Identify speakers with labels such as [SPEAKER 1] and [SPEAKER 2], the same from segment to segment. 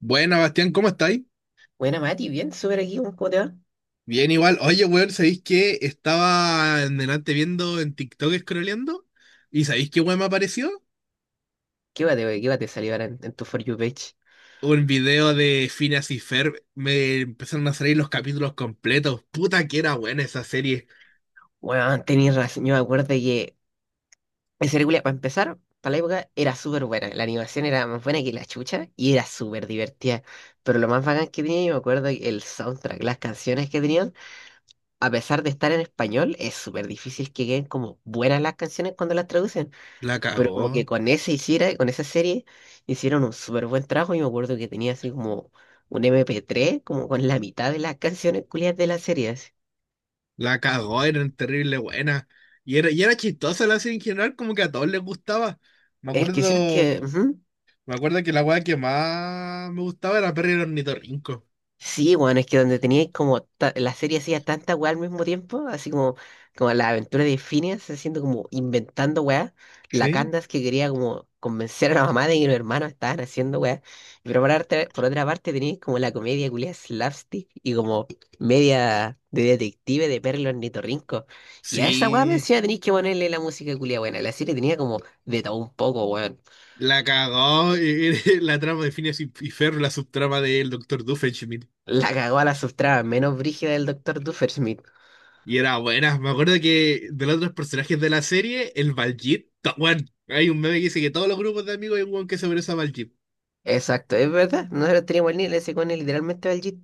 [SPEAKER 1] Buena, Bastián, ¿cómo estáis?
[SPEAKER 2] Buena, Mati, bien, súper aquí, weón, ¿cómo te va?
[SPEAKER 1] Bien, igual. Oye, weón, ¿sabéis que estaba en delante viendo en TikTok scrolleando? ¿Y sabéis qué weón me apareció?
[SPEAKER 2] ¿Qué va te salió ahora en tu For You page?
[SPEAKER 1] Un video de Phineas y Ferb. Me empezaron a salir los capítulos completos. Puta que era buena esa serie.
[SPEAKER 2] Bueno, tenías razón, yo me acuerdo que esa película, para empezar, para la época, era súper buena. La animación era más buena que la chucha y era súper divertida. Pero lo más bacán que tenía, yo me acuerdo que el soundtrack, las canciones que tenían, a pesar de estar en español, es súper difícil que queden como buenas las canciones cuando las traducen.
[SPEAKER 1] La
[SPEAKER 2] Pero
[SPEAKER 1] cagó.
[SPEAKER 2] como que con esa serie, hicieron un súper buen trabajo. Y me acuerdo que tenía así como un MP3 como con la mitad de las canciones culiadas de la serie, así.
[SPEAKER 1] La cagó, era terrible buena. Y era chistosa la serie en general, como que a todos les gustaba. Me
[SPEAKER 2] Es que sí, es
[SPEAKER 1] acuerdo,
[SPEAKER 2] que ujú.
[SPEAKER 1] me acuerdo que la weá que más me gustaba era Perry el ornitorrinco.
[SPEAKER 2] Sí, bueno, es que donde teníais como la serie hacía tanta weá al mismo tiempo, así como la aventura de Phineas haciendo como inventando weá, la
[SPEAKER 1] Sí,
[SPEAKER 2] Candace que quería como convencer a la mamá de que los hermanos estaban haciendo weá, pero por otra parte teníais como la comedia culia slapstick y como media de detective de Perro Ornitorrinco, y a esa weá me
[SPEAKER 1] sí,
[SPEAKER 2] decía tenéis que ponerle la música culia buena, la serie tenía como de todo un poco, weón.
[SPEAKER 1] la cagó. Y- La trama de Phineas y Ferb, la subtrama del doctor Doofenshmirtz.
[SPEAKER 2] La cagó a la subtrama menos brígida del Doctor Duffersmith.
[SPEAKER 1] Y era buena. Me acuerdo que de los otros personajes de la serie, el Baljeet, to- weón, hay un meme que dice que todos los grupos de amigos hay un weón que se parece a Baljeet.
[SPEAKER 2] Exacto, es verdad. Nosotros teníamos el nivel ese con él, literalmente va al Jeep.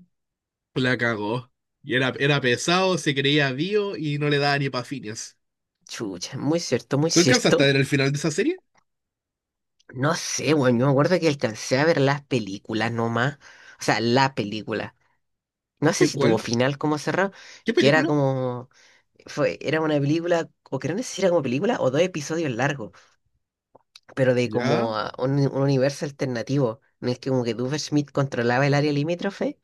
[SPEAKER 1] La cagó. Y era, era pesado, se creía vivo y no le daba ni pa' Phineas.
[SPEAKER 2] Chucha, muy cierto, muy
[SPEAKER 1] ¿Tú alcanzaste a
[SPEAKER 2] cierto.
[SPEAKER 1] ver el final de esa serie?
[SPEAKER 2] No sé, bueno, yo me acuerdo que alcancé a ver las películas nomás. O sea, la película. No sé
[SPEAKER 1] ¿Qué,
[SPEAKER 2] si tuvo
[SPEAKER 1] cuál?
[SPEAKER 2] final como cerrado,
[SPEAKER 1] ¿Qué
[SPEAKER 2] que era
[SPEAKER 1] película?
[SPEAKER 2] como. Fue, era una película, o que no sé si era como película, o dos episodios largos, pero de
[SPEAKER 1] Ya,
[SPEAKER 2] como ah, un universo alternativo, en el que como que Smith controlaba el área limítrofe.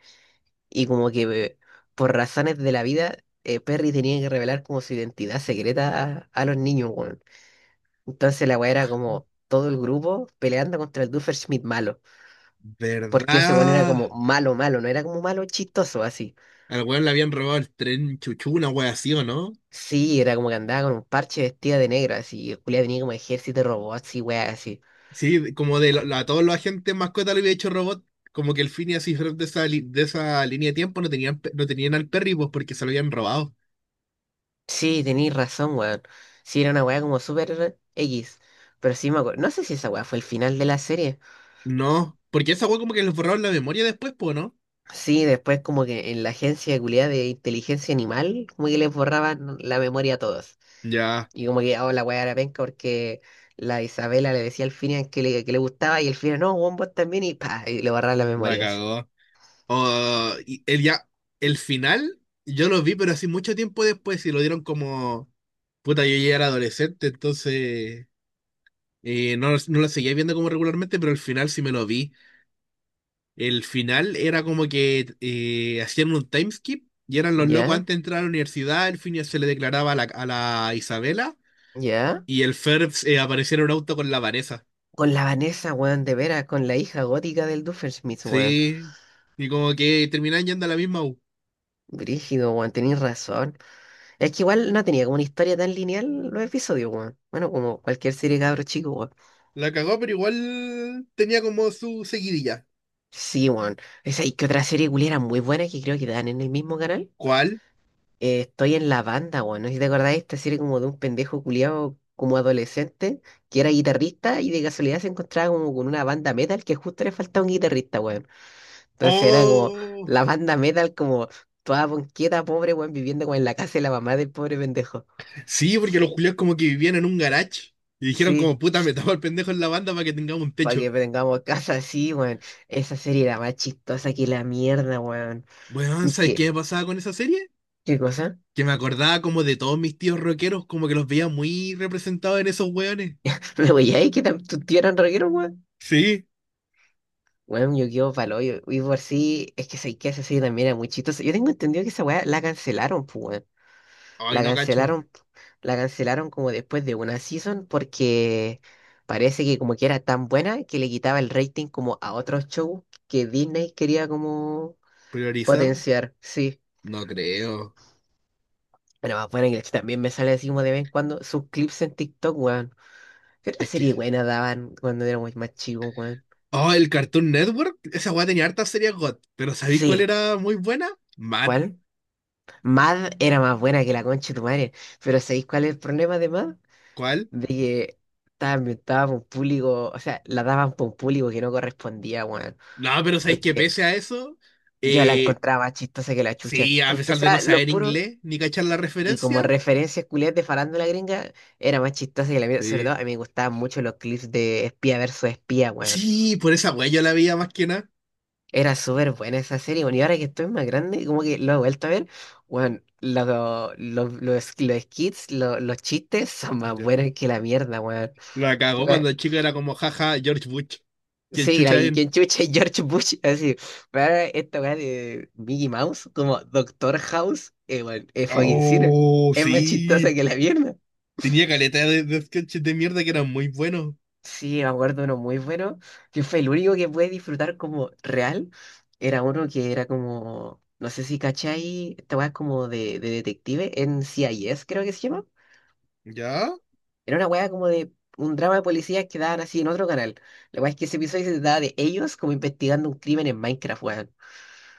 [SPEAKER 2] Y como que por razones de la vida, Perry tenía que revelar como su identidad secreta a los niños, weón. Entonces la weá era como todo el grupo peleando contra el Schmidt malo. Porque ese weón era
[SPEAKER 1] ¿verdad?
[SPEAKER 2] como malo, malo, no era como malo chistoso así.
[SPEAKER 1] Al weón le habían robado el tren chuchu, una wea así, ¿o no?
[SPEAKER 2] Sí, era como que andaba con un parche vestida de negro, así. Y Julia tenía como ejército de robots y weá así.
[SPEAKER 1] Sí, como de a todos los agentes mascota le había hecho robot, como que el Phineas y Ferb de de esa línea de tiempo no tenían al Perry, pues porque se lo habían robado.
[SPEAKER 2] Sí, tenéis razón, weón. Sí, era una weá como súper X. Pero sí me acuerdo. No sé si esa weá fue el final de la serie.
[SPEAKER 1] No, porque esa weá como que les borraron la memoria después, pues, ¿no?
[SPEAKER 2] Sí, después como que en la agencia culiá de inteligencia animal, como que les borraban la memoria a todos.
[SPEAKER 1] Ya,
[SPEAKER 2] Y como que, oh, la weá era penca porque la Isabela le decía al Finian que le gustaba y el Finian, no, weón, vos también, y pa, y le borraban la
[SPEAKER 1] la
[SPEAKER 2] memoria así.
[SPEAKER 1] cagó. Oh, y el ya, el final, yo lo vi, pero así mucho tiempo después y lo dieron como, puta, yo ya era adolescente, entonces no, no lo seguía viendo como regularmente, pero el final sí me lo vi. El final era como que hacían un time skip y eran los locos
[SPEAKER 2] ¿Ya?
[SPEAKER 1] antes de entrar a la universidad, el fin se le declaraba a la Isabela
[SPEAKER 2] ¿Ya?
[SPEAKER 1] y el Ferbs aparecía en un auto con la Vanessa.
[SPEAKER 2] Con la Vanessa, weón, de veras, con la hija gótica del Doofenshmirtz, weón.
[SPEAKER 1] Sí, y como que terminaban yendo a la misma U.
[SPEAKER 2] Brígido, weón, tenés razón. Es que igual no tenía como una historia tan lineal los episodios, weón. Bueno, como cualquier serie de cabros chicos, weón.
[SPEAKER 1] La cagó, pero igual tenía como su seguidilla.
[SPEAKER 2] Sí, weón. Esa y que otra serie culiera muy buena que creo que dan en el mismo canal.
[SPEAKER 1] ¿Cuál?
[SPEAKER 2] Estoy en la banda, weón. No sé si te acordáis, esta serie como de un pendejo culiado como adolescente que era guitarrista y de casualidad se encontraba como con una banda metal que justo le faltaba un guitarrista, weón. Entonces era como
[SPEAKER 1] Oh,
[SPEAKER 2] la banda metal como toda ponqueta, pobre, weón, viviendo como en la casa de la mamá del pobre pendejo.
[SPEAKER 1] sí, porque los culiados como que vivían en un garage y dijeron
[SPEAKER 2] Sí,
[SPEAKER 1] como puta, metamos al pendejo en la banda para que tengamos un
[SPEAKER 2] para
[SPEAKER 1] techo.
[SPEAKER 2] que tengamos casa así, weón. Esa serie era más chistosa que la mierda, weón.
[SPEAKER 1] Bueno, ¿sabes qué
[SPEAKER 2] ¿Qué?
[SPEAKER 1] me pasaba con esa serie?
[SPEAKER 2] ¿Qué cosa?
[SPEAKER 1] Que me acordaba como de todos mis tíos rockeros, como que los veía muy representados en esos hueones.
[SPEAKER 2] Pero, güey, ay, que tu tío era rockero, weón.
[SPEAKER 1] Sí,
[SPEAKER 2] Weón, yo quedo palo. Y por sí, es que sé que ese sí también era muy chistoso. Yo tengo entendido que esa weá la cancelaron, pues, weón.
[SPEAKER 1] ay,
[SPEAKER 2] La
[SPEAKER 1] no cacho.
[SPEAKER 2] cancelaron, la cancelaron como después de una season porque parece que como que era tan buena que le quitaba el rating como a otros shows que Disney quería como
[SPEAKER 1] ¿Priorizar?
[SPEAKER 2] potenciar, sí.
[SPEAKER 1] No creo.
[SPEAKER 2] Bueno, más bueno que también me sale así como de vez en cuando sus clips en TikTok, weón. ¿Qué otra
[SPEAKER 1] Es que.
[SPEAKER 2] serie buena daban cuando éramos más chicos, weón?
[SPEAKER 1] Oh, el Cartoon Network. Esa weá tenía hartas series GOT. Pero ¿sabéis cuál
[SPEAKER 2] Sí.
[SPEAKER 1] era muy buena? Matt.
[SPEAKER 2] ¿Cuál? Mad era más buena que la concha de tu madre, pero ¿sabéis cuál es el problema de Mad?
[SPEAKER 1] ¿Cuál?
[SPEAKER 2] De que estaba inventada por un público, o sea, la daban por un público que no correspondía, weón.
[SPEAKER 1] No, pero ¿sabéis que
[SPEAKER 2] Porque
[SPEAKER 1] pese a eso?
[SPEAKER 2] yo la
[SPEAKER 1] Eh,
[SPEAKER 2] encontraba más chistosa que la chucha,
[SPEAKER 1] sí, a
[SPEAKER 2] aunque
[SPEAKER 1] pesar de no
[SPEAKER 2] sea lo
[SPEAKER 1] saber
[SPEAKER 2] puro.
[SPEAKER 1] inglés ni cachar la
[SPEAKER 2] Y como
[SPEAKER 1] referencia.
[SPEAKER 2] referencias culiadas de farándula gringa, era más chistosa que la mía. Sobre todo,
[SPEAKER 1] Sí,
[SPEAKER 2] a mí me gustaban mucho los clips de espía versus espía, weón.
[SPEAKER 1] sí, por esa weá yo la veía más que nada.
[SPEAKER 2] Era súper buena esa serie, bueno, y ahora que estoy más grande, como que lo he vuelto a ver, bueno, los skits, los chistes son más
[SPEAKER 1] Ya,
[SPEAKER 2] buenos que la mierda, weón.
[SPEAKER 1] la cagó
[SPEAKER 2] Weón,
[SPEAKER 1] cuando el chico era como jaja, George Bush. ¿Quién
[SPEAKER 2] sí,
[SPEAKER 1] chucha
[SPEAKER 2] y
[SPEAKER 1] es?
[SPEAKER 2] quien chucha es George Bush, así, pero esta weá de Mickey Mouse, como Doctor House, weón, es fucking cine,
[SPEAKER 1] Oh,
[SPEAKER 2] es más chistosa
[SPEAKER 1] sí.
[SPEAKER 2] que la mierda.
[SPEAKER 1] Tenía caleta de sketches de mierda que eran muy buenos.
[SPEAKER 2] Sí, me acuerdo uno muy bueno, que fue el único que pude disfrutar como real. Era uno que era como, no sé si cachai, esta weá como de detective en CIS creo que se llama.
[SPEAKER 1] ¿Ya?
[SPEAKER 2] Era una weá como de un drama de policías que daban así en otro canal. La weá es que ese episodio se trataba de ellos como investigando un crimen en Minecraft, weón.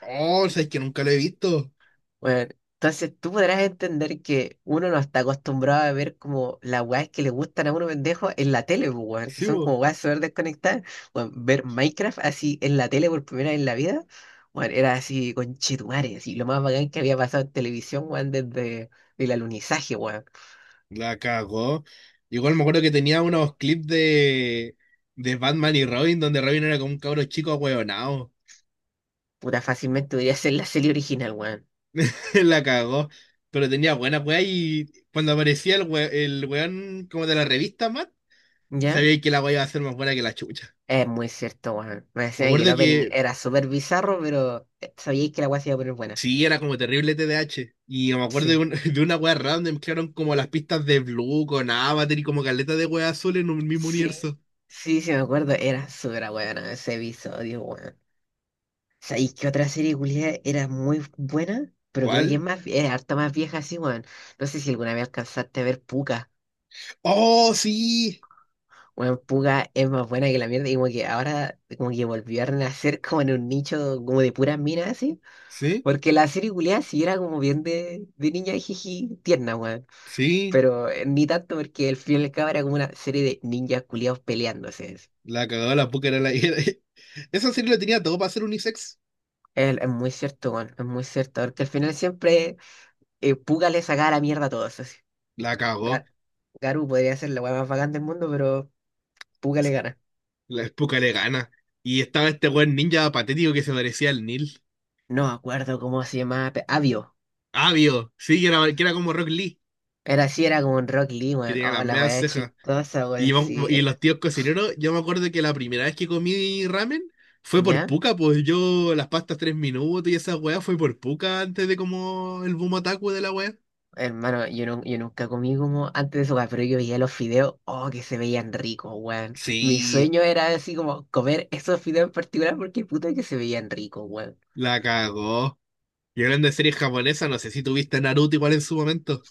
[SPEAKER 1] Oh, sabes que nunca lo he visto.
[SPEAKER 2] Bueno, entonces tú podrás entender que uno no está acostumbrado a ver como las weas que le gustan a uno pendejo en la tele, pues, weón, que
[SPEAKER 1] Sí,
[SPEAKER 2] son
[SPEAKER 1] bo.
[SPEAKER 2] como weas súper desconectadas. Bueno, ver Minecraft así en la tele por primera vez en la vida, bueno, era así con chetumare, así lo más bacán que había pasado en televisión, weón, desde el alunizaje, weón.
[SPEAKER 1] La cagó. Igual me acuerdo que tenía unos clips de Batman y Robin, donde Robin era como un cabro chico ahueonado.
[SPEAKER 2] Puta, fácilmente podría ser la serie original, weón.
[SPEAKER 1] La cagó. Pero tenía buena weá y cuando aparecía el weón como de la revista, Matt,
[SPEAKER 2] ¿Ya?
[SPEAKER 1] sabía que la weá iba a ser más buena que la chucha.
[SPEAKER 2] Es muy cierto, weón. Me
[SPEAKER 1] Me
[SPEAKER 2] decían que el
[SPEAKER 1] acuerdo
[SPEAKER 2] opening
[SPEAKER 1] que
[SPEAKER 2] era súper bizarro, pero sabíais que la wea se iba a poner buena.
[SPEAKER 1] sí, era como terrible TDH. Y yo me acuerdo
[SPEAKER 2] Sí.
[SPEAKER 1] de una wea random, mezclaron como las pistas de Blue con Avatar y como caleta de wea azul en un mismo
[SPEAKER 2] Sí,
[SPEAKER 1] universo.
[SPEAKER 2] sí, sí, me acuerdo. Era súper bueno ese episodio, weón. ¿Sabéis qué otra serie culiada era muy buena? Pero creo que
[SPEAKER 1] ¿Cuál?
[SPEAKER 2] es harta más vieja así, weón. No sé si alguna vez alcanzaste a ver Puka.
[SPEAKER 1] ¡Oh, sí!
[SPEAKER 2] Weón, Puka es más buena que la mierda. Y como que ahora, como que volvió a renacer como en un nicho como de puras minas así.
[SPEAKER 1] Sí,
[SPEAKER 2] Porque la serie culiada sí era como bien de niña jiji tierna, weón.
[SPEAKER 1] sí.
[SPEAKER 2] Pero ni tanto porque el final y al cabo era como una serie de ninjas culiados peleándose.
[SPEAKER 1] La cagó, la puca era la. Esa serie lo tenía todo para ser unisex.
[SPEAKER 2] Es muy cierto, weón, es muy cierto. Porque al final siempre Puga le saca la mierda a todos. Así.
[SPEAKER 1] La cagó.
[SPEAKER 2] Ga- Garu podría ser la weá más bacán del mundo, pero Puga le gana.
[SPEAKER 1] La puca le gana. Y estaba este buen ninja patético que se parecía al Neil.
[SPEAKER 2] No me acuerdo cómo se llamaba. Avio.
[SPEAKER 1] Avio, sí, que era, como Rock Lee,
[SPEAKER 2] Era así, era como un Rock Lee,
[SPEAKER 1] que
[SPEAKER 2] weón.
[SPEAKER 1] tenía
[SPEAKER 2] Oh,
[SPEAKER 1] las
[SPEAKER 2] la
[SPEAKER 1] medias
[SPEAKER 2] weá
[SPEAKER 1] cejas.
[SPEAKER 2] chistosa, weón.
[SPEAKER 1] Y, vamos-
[SPEAKER 2] Sí.
[SPEAKER 1] y los tíos cocineros, yo me acuerdo que la primera vez que comí ramen fue por
[SPEAKER 2] ¿Ya?
[SPEAKER 1] puca, pues yo las pastas 3 minutos y esa weá fue por puca antes de como el boom otaku de la weá.
[SPEAKER 2] Hermano, yo nunca comí como antes de eso, weón, pero yo veía los fideos, oh, que se veían ricos, weón. Mi
[SPEAKER 1] Sí,
[SPEAKER 2] sueño era así como comer esos fideos en particular porque puta que se veían ricos, weón.
[SPEAKER 1] la cagó. Y hablando de series japonesas, no sé si tuviste Naruto igual en su momento.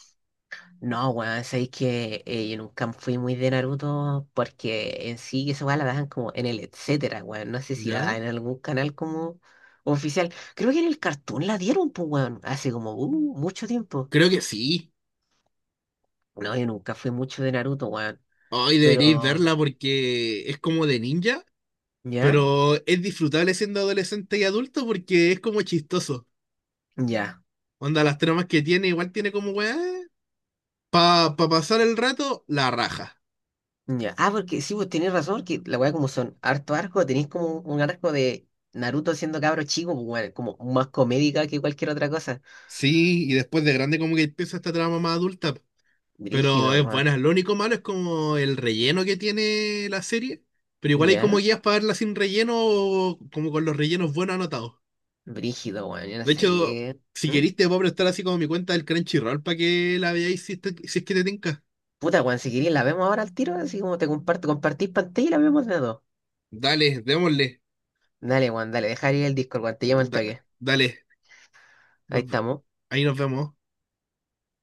[SPEAKER 2] No, weón, sabéis que yo nunca fui muy de Naruto porque en sí esa weá la daban como en el etcétera, weón. No sé si la
[SPEAKER 1] ¿Ya?
[SPEAKER 2] daban en algún canal como oficial. Creo que en el Cartoon la dieron, pues, weón, hace como mucho tiempo.
[SPEAKER 1] Creo que sí.
[SPEAKER 2] No, yo nunca fui mucho de Naruto, weón.
[SPEAKER 1] Hoy deberíais
[SPEAKER 2] Pero,
[SPEAKER 1] verla porque es como de ninja,
[SPEAKER 2] ¿ya?
[SPEAKER 1] pero es disfrutable siendo adolescente y adulto porque es como chistoso.
[SPEAKER 2] Ya,
[SPEAKER 1] Onda, las tramas que tiene, igual tiene como weá para pasar el rato, la raja.
[SPEAKER 2] ya. Ah, porque sí, vos tenés razón, que la weá como son harto arco, tenéis como un arco de Naruto siendo cabro chico, pues, weón, como más comédica que cualquier otra cosa.
[SPEAKER 1] Sí, y después de grande como que empieza esta trama más adulta, po. Pero
[SPEAKER 2] Brígido,
[SPEAKER 1] es
[SPEAKER 2] weón.
[SPEAKER 1] buena. Lo único malo es como el relleno que tiene la serie, pero igual hay como
[SPEAKER 2] ¿Ya?
[SPEAKER 1] guías para verla sin relleno o como con los rellenos buenos anotados.
[SPEAKER 2] Brígido, weón. Yo no
[SPEAKER 1] De
[SPEAKER 2] sé
[SPEAKER 1] hecho,
[SPEAKER 2] qué.
[SPEAKER 1] si
[SPEAKER 2] ¿Mm?
[SPEAKER 1] querís te puedo prestar así como mi cuenta del Crunchyroll para que la veáis si es que te tinca.
[SPEAKER 2] Puta, weón, si querés la vemos ahora al tiro, así como te comparto, compartís pantalla y la vemos de a dos.
[SPEAKER 1] Dale, démosle.
[SPEAKER 2] Dale, weón, dale, dejar ir el Discord, weón, te llamo al
[SPEAKER 1] Da-
[SPEAKER 2] toque.
[SPEAKER 1] dale,
[SPEAKER 2] Ahí
[SPEAKER 1] Nos-
[SPEAKER 2] estamos.
[SPEAKER 1] ahí nos vemos.